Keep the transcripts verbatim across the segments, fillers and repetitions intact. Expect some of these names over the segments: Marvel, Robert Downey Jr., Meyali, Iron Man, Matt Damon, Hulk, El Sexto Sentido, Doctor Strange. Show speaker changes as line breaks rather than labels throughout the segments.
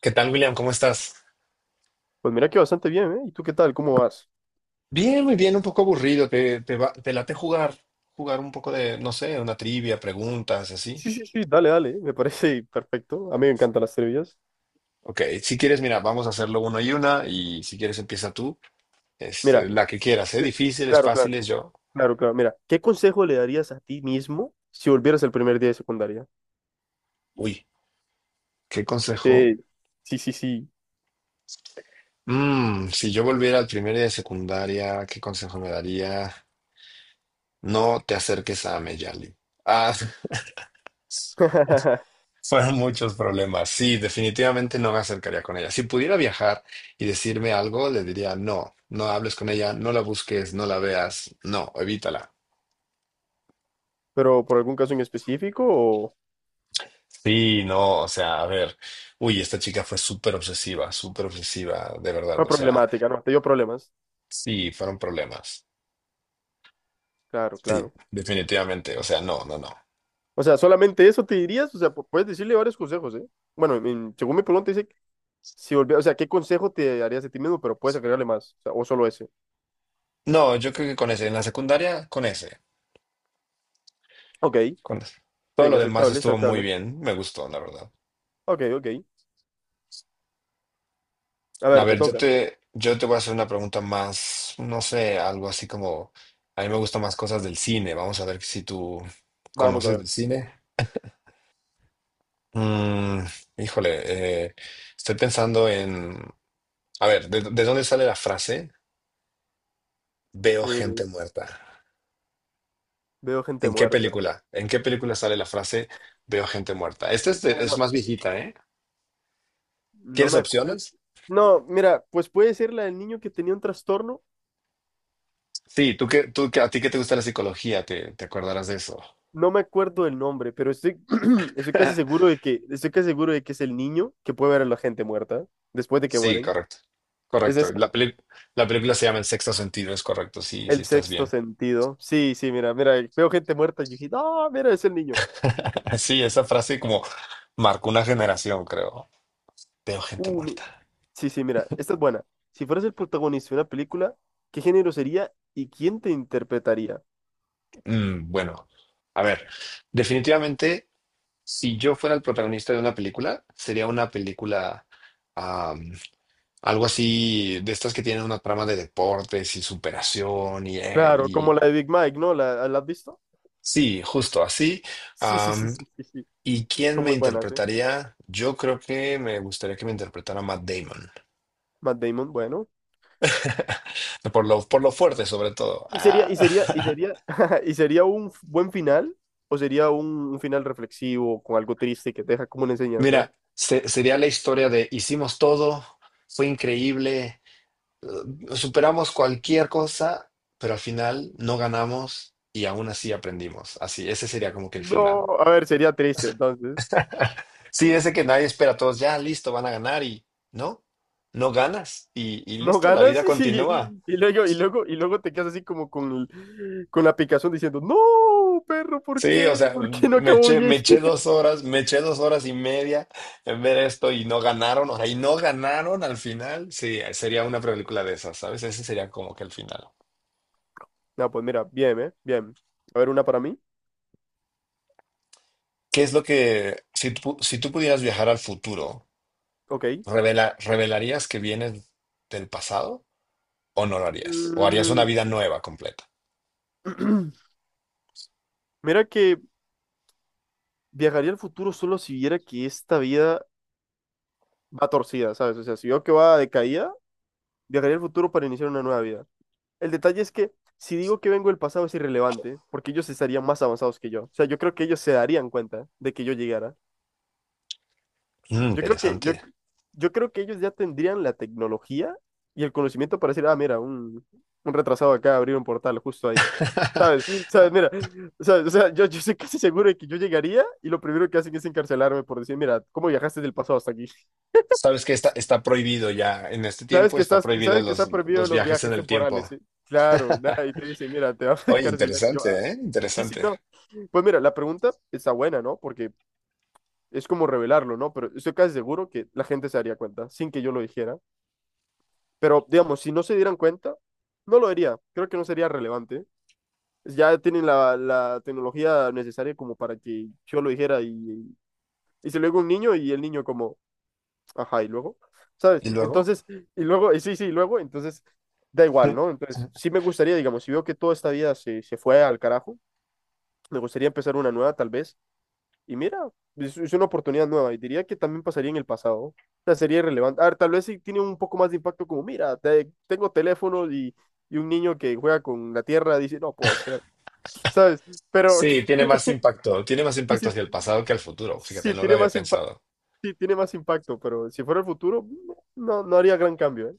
¿Qué tal, William? ¿Cómo estás?
Pues mira que bastante bien, ¿eh? ¿Y tú qué tal? ¿Cómo vas?
Bien, muy bien, un poco aburrido. ¿Te, te, va- te late jugar? Jugar un poco de, no sé, una trivia, preguntas, así.
Sí, sí, sí, dale, dale, me parece perfecto. A mí me encantan las trivias.
Ok, si quieres, mira, vamos a hacerlo uno y una, y si quieres empieza tú, este,
Mira,
la que quieras, ¿eh?
yo-
Difíciles,
claro, claro,
fáciles, yo.
claro, claro. Mira, ¿qué consejo le darías a ti mismo si volvieras el primer día de secundaria?
Uy, ¿qué consejo?
Eh, sí, sí, sí.
Mm, si yo volviera al primer día de secundaria, ¿qué consejo me daría? No te acerques a Meyali. Ah, Fueron muchos problemas. Sí, definitivamente no me acercaría con ella. Si pudiera viajar y decirme algo, le diría, no, no hables con ella, no la busques, no la veas, no, evítala.
Pero por algún caso en específico o
Sí, no, o sea, a ver, uy, esta chica fue súper obsesiva, súper obsesiva, de verdad,
una
o sea,
problemática, ¿no? Te dio problemas.
sí, fueron problemas.
Claro,
Sí,
claro.
definitivamente, o sea, no, no, no.
O sea, solamente eso te dirías, o sea, pu- puedes decirle varios consejos, ¿eh? Bueno, en- según mi pregunta dice, si volvieras, o sea, ¿qué consejo te darías a ti mismo? Pero puedes agregarle más, o sea, o solo ese.
No, yo creo que con ese, en la secundaria, con ese,
Ok.
con ese. Todo
Bien,
lo demás
aceptable,
estuvo muy
aceptable.
bien, me gustó, la verdad.
Ok, ok. A
A
ver, te
ver, yo
toca.
te, yo te voy a hacer una pregunta más, no sé, algo así como, a mí me gustan más cosas del cine. Vamos a ver si tú
Vamos a
conoces
ver.
del cine. Mm, híjole, eh, estoy pensando en, a ver, ¿de, de dónde sale la frase veo
Eh,
gente muerta?
veo gente
¿En qué
muerta.
película? ¿En qué película sale la frase veo gente muerta? Esta es, de-
No,
es
no,
más viejita, ¿eh?
no
¿Quieres
me acuerdo.
opciones?
No, mira, pues puede ser la del niño que tenía un trastorno.
Sí, tú que, tú que, a ti que te gusta la psicología, te, te acordarás de eso.
No me acuerdo del nombre, pero estoy, estoy casi seguro de que, estoy casi seguro de que es el niño que puede ver a la gente muerta después de que
Sí,
mueren.
correcto.
Es
Correcto.
esa,
La peli- la película se llama El Sexto Sentido, es correcto. Sí, sí
el
estás
sexto
bien.
sentido. Sí, sí, mira, mira, veo gente muerta y yo dije, no, mira, es el niño.
Sí, esa frase como marcó una generación, creo. Veo gente
Uh, mi-
muerta.
Sí, sí, mira, esta es buena. Si fueras el protagonista de una película, ¿qué género sería y quién te interpretaría?
Mm, bueno, a ver, definitivamente, si yo fuera el protagonista de una película, sería una película am, algo así de estas que tienen una trama de deportes y superación y, eh,
Claro, como
y-
la de Big Mike, ¿no? ¿La, la has visto?
sí, justo así.
Sí, sí, sí, sí, sí, sí.
¿Y quién
Son
me
muy buenas, ¿eh?
interpretaría? Yo creo que me gustaría que me interpretara Matt Damon.
Matt Damon, bueno.
Por lo, por lo fuerte, sobre todo.
¿Y sería,
Ah.
y sería, y sería, y sería un f- buen final? ¿O sería un, un final reflexivo con algo triste que te deja como una enseñanza?
Mira, se- sería la historia de hicimos todo, fue increíble, eh, superamos cualquier cosa, pero al final no ganamos y aún así aprendimos. Así, ese sería como que el
No,
final.
a ver, sería triste, entonces.
Sí, ese que nadie espera, todos ya listo, van a ganar y no, no ganas y, y
No
listo, la
ganas
vida
y,
continúa.
y luego, y luego, y luego te quedas así como con, el- con la picazón diciendo, no, perro, ¿por
Sí, o
qué?
sea,
¿Por qué no
me
acabó
eché, me
bien?
eché dos horas, me eché dos horas y media en ver esto y no ganaron, o sea, y no ganaron al final. Sí, sería una película de esas, ¿sabes? Ese sería como que el final.
No, pues mira, bien, ¿eh? Bien. A ver, una para mí.
¿Qué es lo que, si tú, si tú pudieras viajar al futuro,
Ok.
revela, revelarías que vienes del pasado o no lo harías? ¿O harías una
Mm,
vida nueva completa?
Mira que viajaría al futuro solo si viera que esta vida va torcida, ¿sabes? O sea, si veo que va de caída, viajaría al futuro para iniciar una nueva vida. El detalle es que si digo que vengo del pasado es irrelevante, porque ellos estarían más avanzados que yo. O sea, yo creo que ellos se darían cuenta de que yo llegara.
Mm,
Yo creo que, yo,
interesante.
yo creo que ellos ya tendrían la tecnología y el conocimiento para decir, ah, mira, un, un retrasado acá abrió un portal justo ahí. ¿Sabes? Mira, ¿sabes? O sea, yo, yo estoy casi seguro de que yo llegaría y lo primero que hacen es encarcelarme por decir, mira, ¿cómo viajaste del pasado hasta aquí?
Sabes que está, está prohibido ya en este
Sabes
tiempo,
que
está
estás,
prohibido
sabes que está
los,
prohibido
los
los
viajes en
viajes
el tiempo.
temporales, ¿sí? Claro, nada, y te dicen, mira, te vamos a
Oye,
encarcelar. Y yo,
interesante,
ah,
¿eh?
sí, sí,
Interesante.
no. Pues mira, la pregunta está buena, ¿no? Porque es como revelarlo, ¿no? Pero estoy casi seguro que la gente se daría cuenta sin que yo lo dijera. Pero, digamos, si no se dieran cuenta, no lo haría. Creo que no sería relevante. Ya tienen la, la tecnología necesaria como para que yo lo dijera y, y se lo digo a un niño y el niño como, ajá, y luego, ¿sabes?
¿Y luego?
Entonces, y luego, y sí, sí, y luego, entonces, da igual, ¿no? Entonces, sí me gustaría, digamos, si veo que toda esta vida se, se fue al carajo, me gustaría empezar una nueva tal vez. Y mira, es, es una oportunidad nueva y diría que también pasaría en el pasado. O sea, sería irrelevante. A ver, tal vez sí tiene un poco más de impacto como, mira, te- tengo teléfono y, y un niño que juega con la tierra dice, no puede ser, ¿sabes? Pero
Sí, tiene más impacto, tiene más
sí,
impacto
sí,
hacia el pasado que al futuro. Fíjate,
sí,
no lo
tiene
había
más impacto,
pensado.
sí, tiene más impacto, pero si fuera el futuro, no, no haría gran cambio, ¿eh?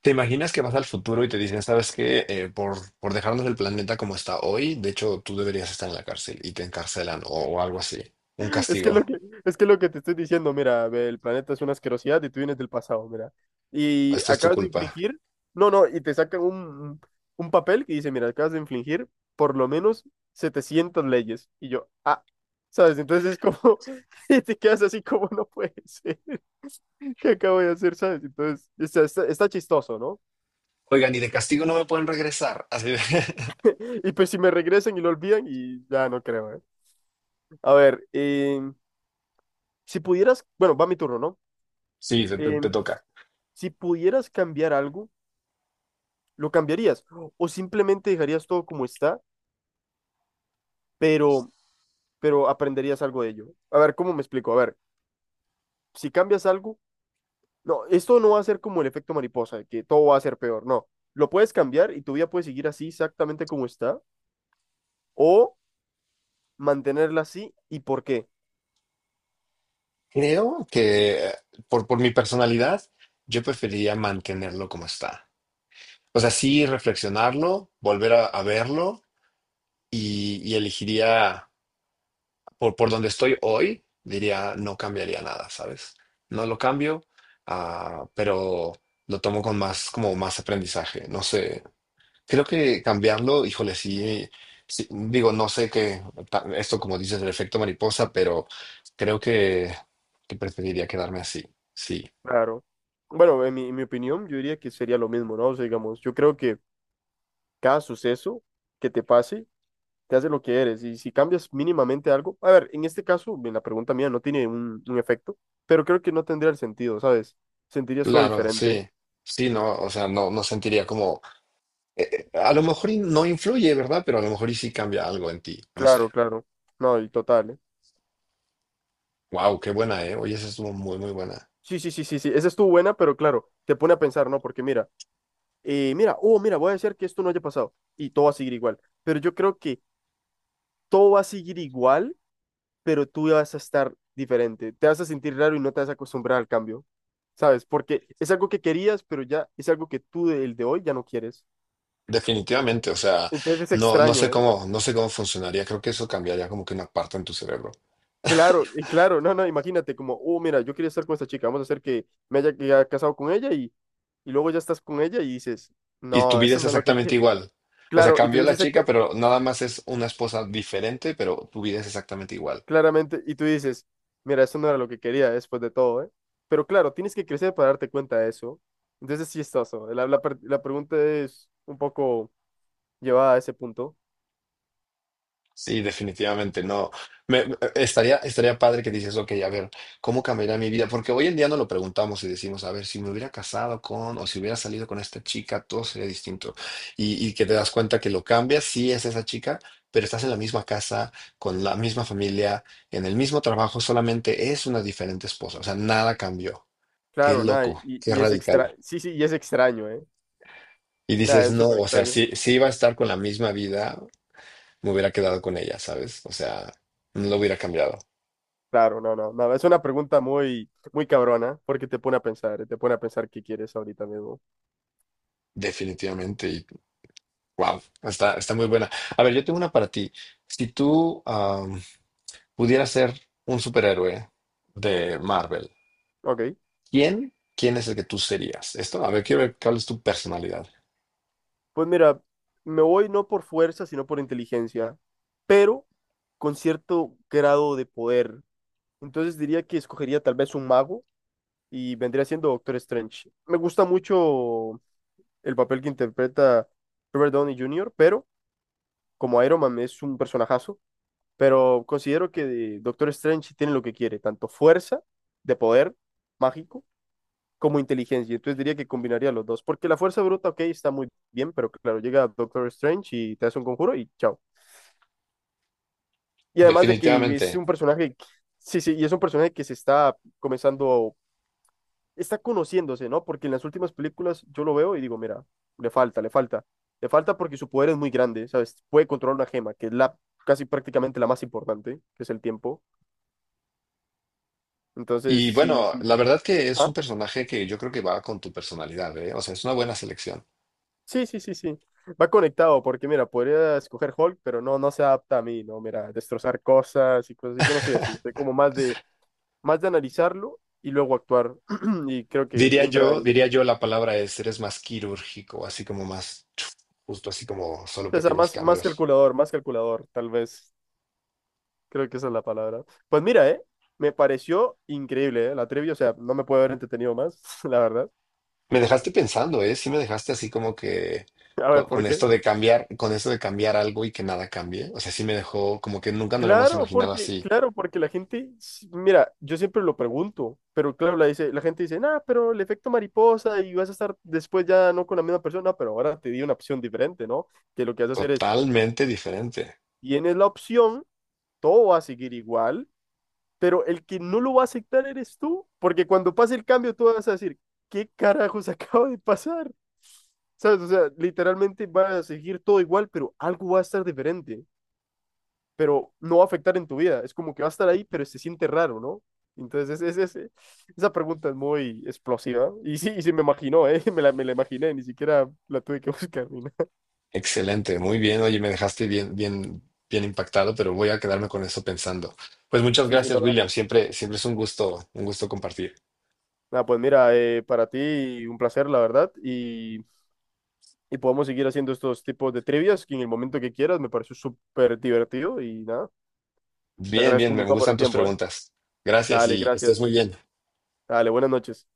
¿Te imaginas que vas al futuro y te dicen, sabes qué, Eh, por, por dejarnos el planeta como está hoy, de hecho tú deberías estar en la cárcel y te encarcelan o, o algo así? Un
Es que
castigo.
lo que, es que lo que te estoy diciendo, mira, ve, el planeta es una asquerosidad y tú vienes del pasado, mira. Y
Esta es tu
acabas de
culpa.
infringir, no, no, y te sacan un, un papel que dice, mira, acabas de infringir por lo menos setecientas leyes. Y yo, ah, ¿sabes? Entonces es como, y te quedas así como, no puede ser, ¿qué acabo de hacer, sabes? Entonces, está, está- está chistoso, ¿no?
Oigan, y de castigo no me pueden regresar. Así de-
Y pues si me regresan y lo olvidan, y ya no creo, ¿eh? A ver, em, si pudieras, bueno, va mi turno, ¿no?
Sí, te, te- te
Em,
toca.
si pudieras cambiar algo, ¿lo cambiarías? ¿O simplemente dejarías todo como está, pero, pero aprenderías algo de ello? A ver, ¿cómo me explico? A ver, si cambias algo, no, esto no va a ser como el efecto mariposa, de que todo va a ser peor, no. Lo puedes cambiar y tu vida puede seguir así exactamente como está, o mantenerla así y por qué.
Creo que eh, por, por mi personalidad, yo preferiría mantenerlo como está. O sea, sí reflexionarlo, volver a, a verlo y y elegiría. por, por donde estoy hoy, diría, no cambiaría nada, ¿sabes? No lo cambio, ah, pero lo tomo con más, como más aprendizaje. No sé, creo que cambiarlo, híjole, sí, sí, digo, no sé qué, ta- esto como dices, el efecto mariposa, pero creo que, que preferiría quedarme así, sí.
Claro. Bueno, en mi, en mi opinión, yo diría que sería lo mismo, ¿no? O sea, digamos, yo creo que cada suceso que te pase, te hace lo que eres. Y si cambias mínimamente algo, a ver, en este caso, en la pregunta mía no tiene un, un efecto, pero creo que no tendría el sentido, ¿sabes? Sentirías todo
Claro,
diferente.
sí. Sí, no, o sea, no, no sentiría como, eh, eh, a lo mejor y no influye, ¿verdad? Pero a lo mejor y sí cambia algo en ti, no sé.
Claro, claro. No, y total, ¿eh?
Wow, qué buena, ¿eh? Oye, esa estuvo muy, muy buena.
Sí, sí, sí, sí, sí. Esa estuvo buena, pero claro, te pone a pensar, ¿no? Porque mira, eh, mira, oh, mira, voy a hacer que esto no haya pasado y todo va a seguir igual. Pero yo creo que todo va a seguir igual, pero tú vas a estar diferente. Te vas a sentir raro y no te vas a acostumbrar al cambio, ¿sabes? Porque es algo que querías, pero ya es algo que tú, el de hoy, ya no quieres.
Definitivamente, o sea,
Entonces es
no, no
extraño,
sé
¿eh?
cómo, no sé cómo funcionaría. Creo que eso cambiaría como que una parte en tu cerebro.
Claro, y claro, no, no, imagínate como, oh, mira, yo quería estar con esta chica, vamos a hacer que me haya, que haya casado con ella y, y luego ya estás con ella y dices,
Y tu
no,
vida
eso
es
no es lo que
exactamente
quería.
igual. O sea,
Claro, y tú
cambió la
dices exacta-
chica, pero nada más es una esposa diferente, pero tu vida es exactamente igual.
claramente, y tú dices, mira, eso no era lo que quería después de todo, ¿eh? Pero claro, tienes que crecer para darte cuenta de eso. Entonces sí es chistoso. La, la, per- la pregunta es un poco llevada a ese punto.
Sí, definitivamente no. Me, me- estaría, estaría padre que dices, ok, a ver, ¿cómo cambiaría mi vida? Porque hoy en día no lo preguntamos y decimos, a ver, si me hubiera casado con o si hubiera salido con esta chica, todo sería distinto. Y, y que te das cuenta que lo cambias, sí es esa chica, pero estás en la misma casa, con la misma familia, en el mismo trabajo, solamente es una diferente esposa. O sea, nada cambió. Qué
Claro, nada, y,
loco, qué
y es extra,
radical.
sí, sí, y es extraño, ¿eh?
Y
Nada,
dices,
es
no,
súper
o sea,
extraño.
si, si iba a estar con la misma vida, me hubiera quedado con ella, ¿sabes? O sea, no lo hubiera cambiado.
Claro, no, no, no. Es una pregunta muy, muy cabrona, porque te pone a pensar, te pone a pensar qué quieres ahorita mismo.
Definitivamente, y wow, está, está muy buena. A ver, yo tengo una para ti. Si tú am, pudieras ser un superhéroe de Marvel,
Ok.
¿quién, quién es el que tú serías? Esto, a ver, quiero ver cuál es tu personalidad.
Pues mira, me voy no por fuerza, sino por inteligencia, pero con cierto grado de poder. Entonces diría que escogería tal vez un mago y vendría siendo Doctor Strange. Me gusta mucho el papel que interpreta Robert Downey junior, pero como Iron Man es un personajazo, pero considero que Doctor Strange tiene lo que quiere, tanto fuerza de poder mágico como inteligencia. Entonces diría que combinaría los dos, porque la fuerza bruta, ok, está muy bien, pero claro, llega Doctor Strange y te hace un conjuro y chao. Y además de que es
Definitivamente.
un personaje, que- sí, sí, y es un personaje que se está comenzando, está conociéndose, ¿no? Porque en las últimas películas yo lo veo y digo, mira, le falta, le falta. Le falta porque su poder es muy grande, ¿sabes? Puede controlar una gema, que es la casi prácticamente la más importante, que es el tiempo. Entonces,
Y
sí,
bueno,
sí.
la verdad que es un
¿Ah?
personaje que yo creo que va con tu personalidad, ¿eh? O sea, es una buena selección.
Sí, sí, sí, sí. Va conectado, porque mira, podría escoger Hulk, pero no, no se adapta a mí, ¿no? Mira, destrozar cosas y cosas así. Yo no soy así. Soy como más de, más de analizarlo y luego actuar. Y creo que
Diría
entra
yo,
en,
diría yo la palabra es, eres más quirúrgico, así como más, chuf, justo así como solo
o sea,
pequeños
más, más
cambios.
calculador, más calculador, tal vez. Creo que esa es la palabra. Pues mira, ¿eh? Me pareció increíble, ¿eh? La trivia, o sea, no me puedo haber entretenido más, la verdad.
Me dejaste pensando, ¿eh? Sí me dejaste así como que
A ver,
con,
¿por
con
qué?
esto de cambiar, con esto de cambiar algo y que nada cambie. O sea, sí me dejó como que nunca nos lo hemos
Claro,
imaginado
porque,
así.
claro, porque la gente, s- mira, yo siempre lo pregunto, pero claro, la dice, la gente dice, nah, pero el efecto mariposa y vas a estar después ya no con la misma persona, pero ahora te di una opción diferente, ¿no? Que lo que vas a hacer es,
Totalmente diferente.
tienes la opción, todo va a seguir igual, pero el que no lo va a aceptar eres tú, porque cuando pase el cambio tú vas a decir, ¿qué carajos acaba de pasar? ¿Sabes? O sea, literalmente va a seguir todo igual, pero algo va a estar diferente. Pero no va a afectar en tu vida. Es como que va a estar ahí, pero se siente raro, ¿no? Entonces, es, es- es- esa pregunta es muy explosiva. Y sí, y sí me imaginó, ¿eh? Me la, me la imaginé, ni siquiera la tuve que buscar. Ni nada.
Excelente, muy bien. Oye, me dejaste bien, bien, bien impactado, pero voy a quedarme con eso pensando. Pues muchas
Sí, sí,
gracias,
no,
William.
dale.
Siempre, siempre es un gusto, un gusto compartir.
Nada, pues mira, eh, para ti un placer, la verdad. Y, y podemos seguir haciendo estos tipos de trivias que en el momento que quieras me pareció súper divertido. Y nada, te
Bien,
agradezco
bien,
un
me
montón por
gustan
el
tus
tiempo, ¿eh?
preguntas. Gracias
Dale,
y que estés
gracias.
muy bien.
Dale, buenas noches.